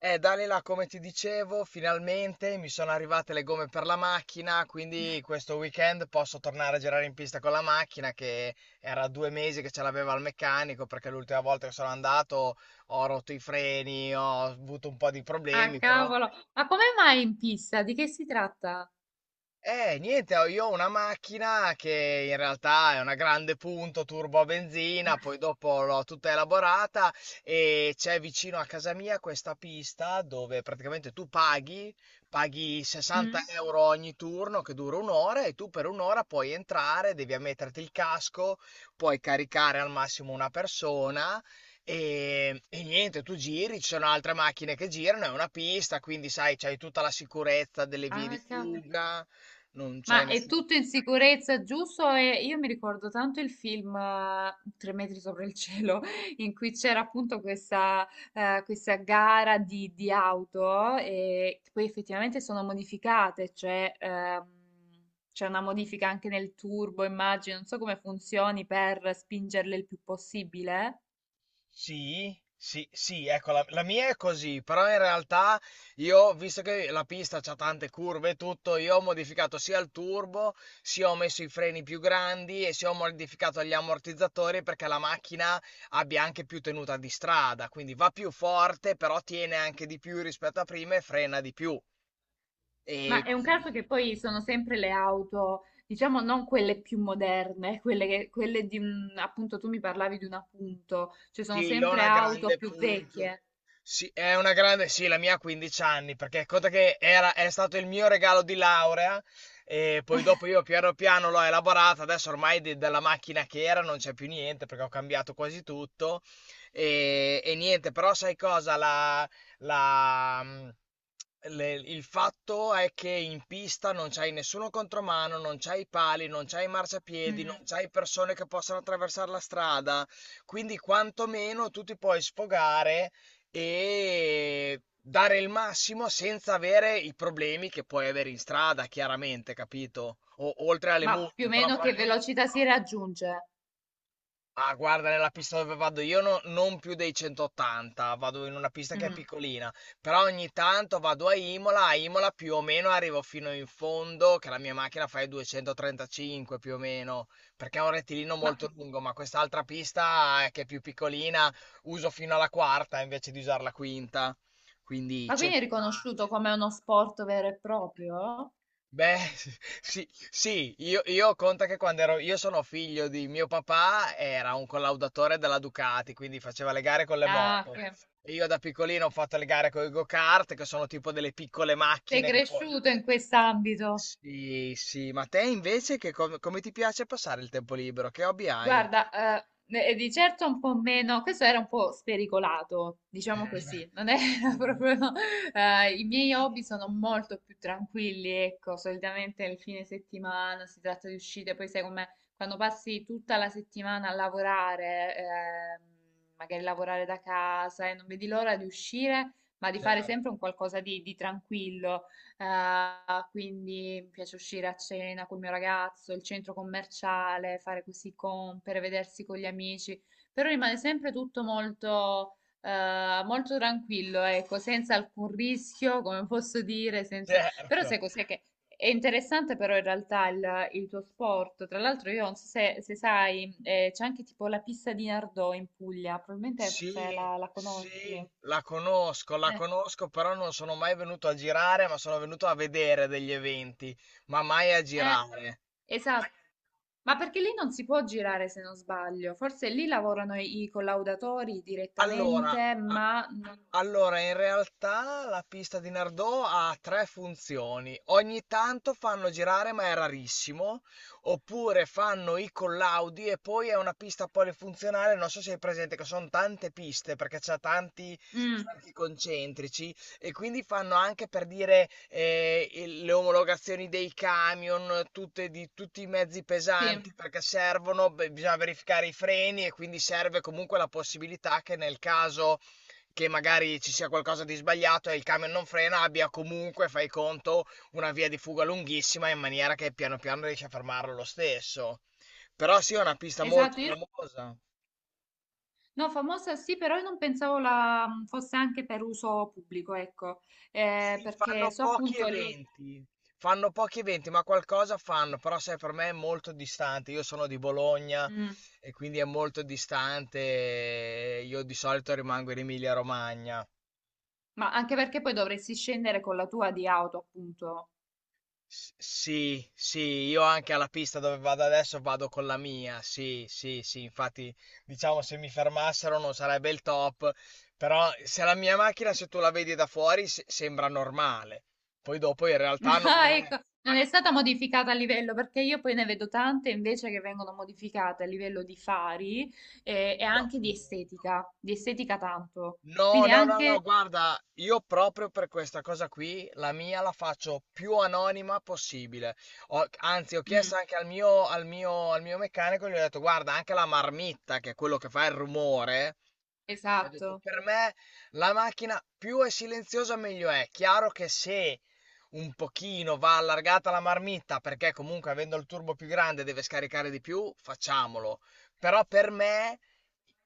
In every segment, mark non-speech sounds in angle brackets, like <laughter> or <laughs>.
Dalila, come ti dicevo, finalmente mi sono arrivate le gomme per la macchina, quindi questo weekend posso tornare a girare in pista con la macchina che era 2 mesi che ce l'aveva al meccanico, perché l'ultima volta che sono andato ho rotto i freni, ho avuto un po' di Ah, problemi, però... cavolo! Ma come mai in pista? Di che si tratta? Niente, io ho una macchina che in realtà è una grande punto turbo a benzina, poi dopo l'ho tutta elaborata. E c'è vicino a casa mia questa pista dove praticamente tu paghi 60 Mm? euro ogni turno, che dura un'ora, e tu per un'ora puoi entrare, devi ammetterti il casco, puoi caricare al massimo una persona. E niente, tu giri, ci sono altre macchine che girano, è una pista, quindi sai, c'hai tutta la sicurezza delle vie di Ah, cavolo. fuga. Non Ma c'hai è nessuno. tutto in sicurezza, giusto? E io mi ricordo tanto il film Tre metri sopra il cielo, <laughs> in cui c'era appunto questa gara di auto e che poi effettivamente sono modificate, cioè c'è una modifica anche nel turbo, immagino, non so come funzioni per spingerle il più possibile. Sì, sì, sì, ecco, la mia è così, però in realtà io, visto che la pista c'ha tante curve e tutto, io ho modificato sia il turbo, sia ho messo i freni più grandi e sia ho modificato gli ammortizzatori, perché la macchina abbia anche più tenuta di strada, quindi va più forte, però tiene anche di più rispetto a prima e frena di più. E Ma è un quindi... caso che poi sono sempre le auto, diciamo non quelle più moderne, quelle, che, quelle di un, appunto tu mi parlavi di un appunto, cioè sono Sì, è sempre una auto grande più punto. vecchie. Sì, è una grande, sì, la mia ha 15 anni, perché conta che era, è stato il mio regalo di laurea, e poi dopo io piano piano l'ho elaborata, adesso ormai della macchina che era non c'è più niente, perché ho cambiato quasi tutto. E niente, però sai cosa? La, mm, il fatto è che in pista non c'hai nessuno contromano, non c'hai pali, non c'hai marciapiedi, non Mm. c'hai persone che possano attraversare la strada. Quindi quantomeno tu ti puoi sfogare e dare il massimo senza avere i problemi che puoi avere in strada, chiaramente, capito? Oltre alle Ma più o multe, però meno che proprio... velocità si raggiunge? Ah, guarda, nella pista dove vado io non più dei 180, vado in una pista che è Mm. piccolina, però ogni tanto vado a Imola più o meno arrivo fino in fondo, che la mia macchina fa i 235 più o meno, perché è un rettilineo Ma, molto lungo, ma quest'altra pista che è più piccolina uso fino alla quarta invece di usare la quinta, quindi ma quindi è 180. riconosciuto come uno sport vero e proprio? Beh, <laughs> sì, sì, io conta che quando ero, io sono figlio di mio papà, era un collaudatore della Ducati, quindi faceva le gare con le Ah, moto. che E io da piccolino ho fatto le gare con i go-kart, che sono tipo delle piccole sei macchine che poi... cresciuto in quest'ambito. Sì, sì, ma te invece che come ti piace passare il tempo libero? Che hobby hai? Guarda, eh, e di certo un po' meno, questo era un po' spericolato, diciamo Eh, <laughs> così, non era <laughs> proprio. I miei hobby sono molto più tranquilli, ecco, solitamente il fine settimana si tratta di uscite, poi sai com'è, quando passi tutta la settimana a lavorare, magari lavorare da casa e non vedi l'ora di uscire, ma di fare Certo, sempre un qualcosa di tranquillo. Quindi mi piace uscire a cena col mio ragazzo, il centro commerciale, fare così compere, vedersi con gli amici, però rimane sempre tutto molto tranquillo, ecco, senza alcun rischio, come <laughs> posso dire, senza... Però sai certo. cos'è che è interessante però in realtà il tuo sport, tra l'altro io non so se, se sai, c'è anche tipo la pista di Nardò in Puglia, probabilmente forse Sì, la, la sì, conosci. La Eh, conosco, però non sono mai venuto a girare, ma sono venuto a vedere degli eventi, ma mai a Eh, girare. esatto. Ma perché lì non si può girare se non sbaglio? Forse lì lavorano i, i collaudatori Allora, direttamente, a- ma non... in realtà la pista di Nardò ha tre funzioni. Ogni tanto fanno girare, ma è rarissimo, oppure fanno i collaudi, e poi è una pista polifunzionale, non so se hai presente che sono tante piste perché c'è tanti Mm, cerchi concentrici. E quindi fanno anche, per dire, le omologazioni dei camion, tutte, di tutti i mezzi pesanti, sì, perché servono, beh, bisogna verificare i freni e quindi serve comunque la possibilità che, nel caso che magari ci sia qualcosa di sbagliato e il camion non frena, abbia comunque, fai conto, una via di fuga lunghissima, in maniera che piano piano riesci a fermarlo lo stesso. Però sì, è una pista molto esatto. Famosa. No, famosa sì, però io non pensavo la, fosse anche per uso pubblico, ecco. Sì, Perché so appunto lì... fanno pochi eventi, ma qualcosa fanno, però sai, per me è molto distante, io sono di Bologna Mm, e quindi è molto distante, e io di solito rimango in Emilia-Romagna. ma anche perché poi dovresti scendere con la tua di auto, appunto. S- Sì, sì, io anche alla pista dove vado adesso vado con la mia, sì, sì, sì, infatti diciamo se mi fermassero non sarebbe il top, però se la mia macchina, se tu la vedi da fuori sembra normale, poi dopo in realtà non Ah, lo è. ecco, non è stata modificata a livello perché io poi ne vedo tante invece che vengono modificate a livello di fari, e, No. anche No. Di estetica tanto. No, Quindi no, no, no, anche... guarda, io proprio per questa cosa qui, la mia la faccio più anonima possibile. Anzi, ho Mm, chiesto anche al mio meccanico, gli ho detto, guarda, anche la marmitta, che è quello che fa il rumore, gli ho detto, esatto. per me la macchina più è silenziosa meglio è. Chiaro che, se un pochino va allargata la marmitta, perché comunque avendo il turbo più grande deve scaricare di più, facciamolo. Però per me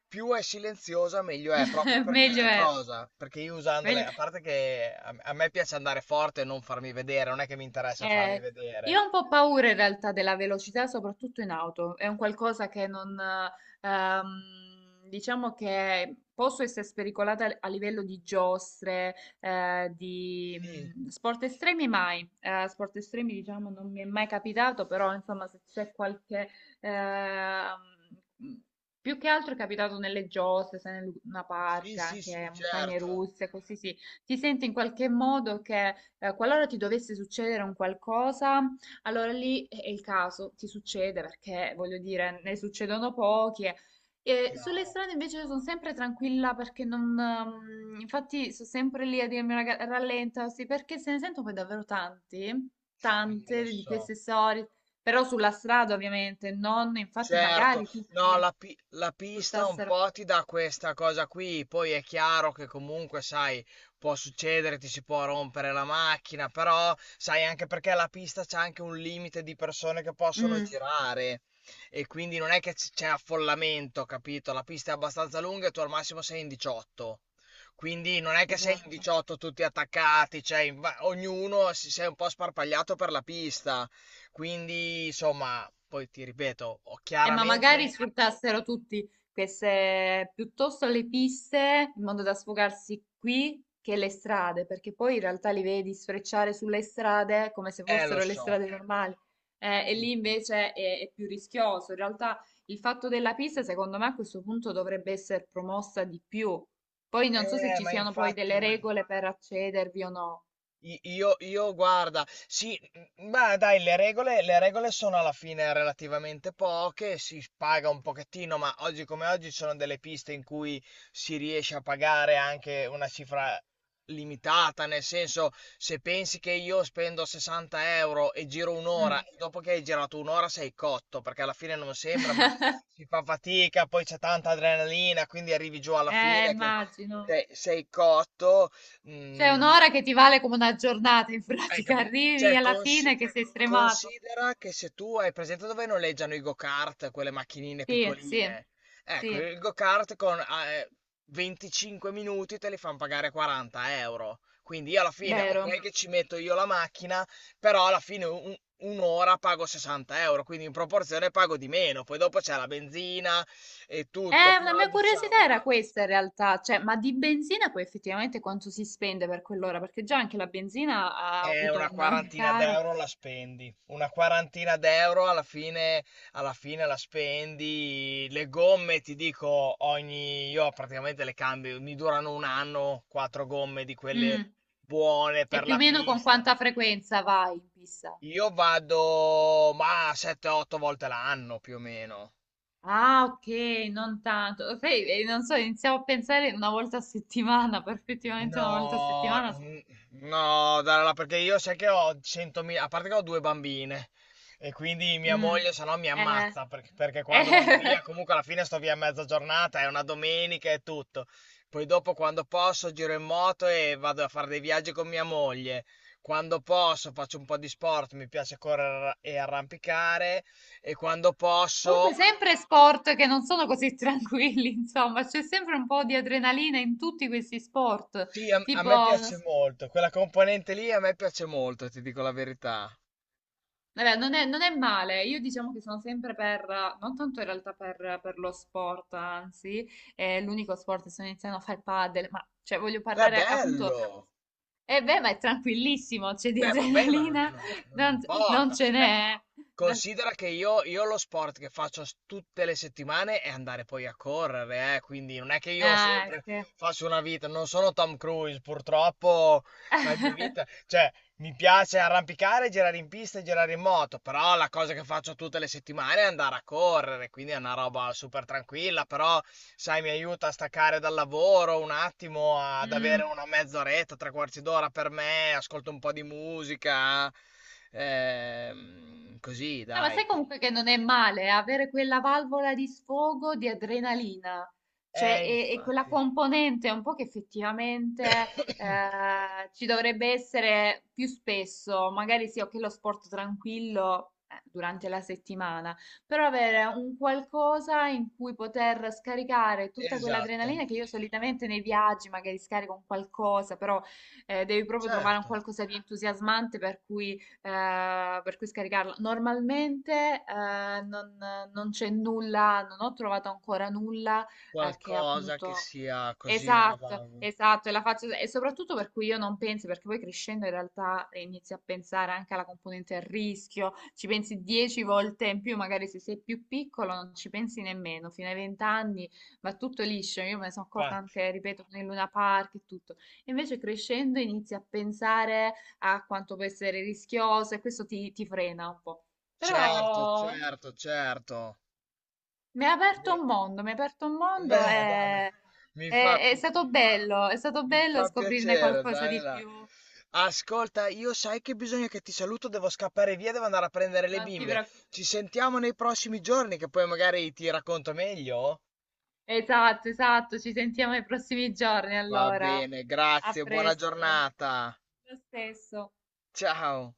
più è silenziosa meglio è, proprio <laughs> per Meglio questa è. cosa. Perché io usandole, Meglio- a parte che a me piace andare forte e non farmi vedere, non è che mi interessa farmi Eh, vedere. io ho un po' paura in realtà della velocità, soprattutto in auto. È un qualcosa che non, diciamo che posso essere spericolata a livello di giostre, di Sì, sport estremi mai. Sport estremi, diciamo, non mi è mai capitato, però insomma, se c'è qualche ehm, più che altro è capitato nelle giostre, se in una sì, parca, sì, sì, anche montagne certo. russe, così sì. Ti senti in qualche modo che qualora ti dovesse succedere un qualcosa, allora lì è il caso, ti succede perché voglio dire, ne succedono pochi. E sulle Chiaro, strade invece sono sempre tranquilla perché non, infatti sono sempre lì a dirmi raga, rallenta, sì, perché se ne sento poi davvero tanti, lo tante di so. queste storie, però sulla strada ovviamente, non infatti Certo, magari tutti no, la pista un portassero... po' ti dà questa cosa qui, poi è chiaro che comunque, sai, può succedere, ti si può rompere la macchina, però sai anche perché la pista c'è anche un limite di persone che possono Mm, girare, e quindi non è che c'è affollamento, capito? La pista è abbastanza lunga e tu al massimo sei in 18. Quindi non è che sei in esatto. 18 tutti attaccati, cioè ognuno si sei un po' sparpagliato per la pista. Quindi, insomma, poi ti ripeto, ho Ma magari chiaramente... sfruttassero tutti queste, piuttosto le piste, in modo da sfogarsi qui che le strade, perché poi in realtà li vedi sfrecciare sulle strade come se lo fossero le so. strade normali. E lì invece è più rischioso. In realtà il fatto della pista, secondo me, a questo punto dovrebbe essere promossa di più. Poi non so se ci Ma siano poi delle infatti... regole per accedervi o no. Io, guarda, sì, ma dai, le regole sono alla fine relativamente poche, si paga un pochettino, ma oggi come oggi ci sono delle piste in cui si riesce a pagare anche una cifra limitata, nel senso, se pensi che io spendo 60 € e giro un'ora, Mm. e dopo che hai girato un'ora sei cotto, perché alla fine non sembra, ma si fa fatica, poi c'è tanta adrenalina, quindi arrivi giù alla fine che Immagino. sei cotto. Cioè, Mm, un'ora che ti vale come una giornata, in Hai pratica <laughs> capito? arrivi Cioè, alla fine che sei stremato. considera che, se tu hai presente dove noleggiano i go-kart, quelle macchinine Sì, sì, piccoline, ecco, sì, il go-kart con 25 minuti te li fanno pagare 40 euro. Quindi io alla fine, vero. ok che ci metto io la macchina, però alla fine un'ora pago 60 euro, quindi in proporzione pago di meno. Poi dopo c'è la benzina e tutto, Una però mia curiosità diciamo... era questa in realtà, cioè, ma di benzina poi effettivamente quanto si spende per quell'ora? Perché già anche la benzina ha una avuto un <laughs> quarantina caro. d'euro la spendi. Una quarantina d'euro alla fine la spendi. Le gomme, ti dico, ogni... Io praticamente le cambio, mi durano un anno, quattro gomme di quelle Mm. buone E per più o la meno con pista. quanta frequenza vai in pista? Io vado, ma 7-8 volte l'anno più o meno. Ah, ok, non tanto. Sai, non so, iniziamo a pensare una volta a settimana, <laughs> perfettamente una volta a No, settimana. No, Dalla, perché io sai che ho 100.000, a parte che ho due bambine e quindi mia Mm, moglie se no mi eh, ammazza, perché, perché quando vado via eh. comunque alla fine sto via mezza giornata, è una domenica e tutto. Poi dopo quando posso giro in moto e vado a fare dei viaggi con mia moglie. Quando posso faccio un po' di sport, mi piace correre e arrampicare, e quando <laughs> posso... Comunque sempre sport che non sono così tranquilli, <laughs> insomma, c'è sempre un po' di adrenalina in tutti questi sport, Sì, a tipo, me non piace s- molto, quella componente lì a me piace molto, ti dico la verità. vabbè, non è male, io diciamo che sono sempre per, non tanto in realtà per, lo sport, anzi, è l'unico sport che sto iniziando a fare padel, ma cioè voglio Beh, parlare appunto... bello! E beh, ma è tranquillissimo, c'è di Beh, vabbè, ma adrenalina, non non, non importa. ce Cioè, n'è. eh. considera che io lo sport che faccio tutte le settimane è andare poi a correre, quindi non è che io Ah, sempre ok. faccio una vita, non sono Tom Cruise, purtroppo la mia vita, <laughs> cioè, mi piace arrampicare, girare in pista e girare in moto, però la cosa che faccio tutte le settimane è andare a correre, quindi è una roba super tranquilla, però sai, mi aiuta a staccare dal lavoro un attimo, ad avere Mm. una mezz'oretta, tre quarti d'ora per me, ascolto un po' di musica, così Ah, ma dai. sai comunque Quindi... che non è male avere quella valvola di sfogo di adrenalina, cioè e quella infatti. componente un po' che effettivamente <coughs> ci dovrebbe essere più spesso, magari sì, ok, lo sport tranquillo durante la settimana, però avere un qualcosa in cui poter scaricare tutta Esatto, quell'adrenalina che io solitamente nei viaggi magari scarico un qualcosa, però devi proprio trovare un certo, qualcosa di entusiasmante per cui scaricarla. Normalmente non c'è nulla, non ho trovato ancora nulla che qualcosa che appunto... sia così una Esatto, vaga. esatto, e, la faccio, e soprattutto per cui io non penso, perché poi crescendo in realtà inizi a pensare anche alla componente del rischio, ci pensi 10 volte in più, magari se sei più piccolo non ci pensi nemmeno, fino ai vent'anni va tutto liscio, io me ne sono accorta Infatti. anche, ripeto, con il Luna Park e tutto. Invece crescendo inizi a pensare a quanto può essere rischioso e questo ti, ti frena un po'. Certo, Però certo, certo. mi ha aperto Beh, un mondo, mi ha aperto un mondo beh, dai, no. e mi fa, è stato mi bello fa scoprirne piacere, qualcosa dai, di là. più. Ascolta, io sai che bisogna che ti saluto, devo scappare via, devo andare a prendere le Non ti bimbe. preoccupare. Ci sentiamo nei prossimi giorni, che poi magari ti racconto meglio. Esatto, esatto, ci sentiamo nei prossimi giorni Va allora. bene, A grazie, buona presto. giornata. Lo stesso. Ciao.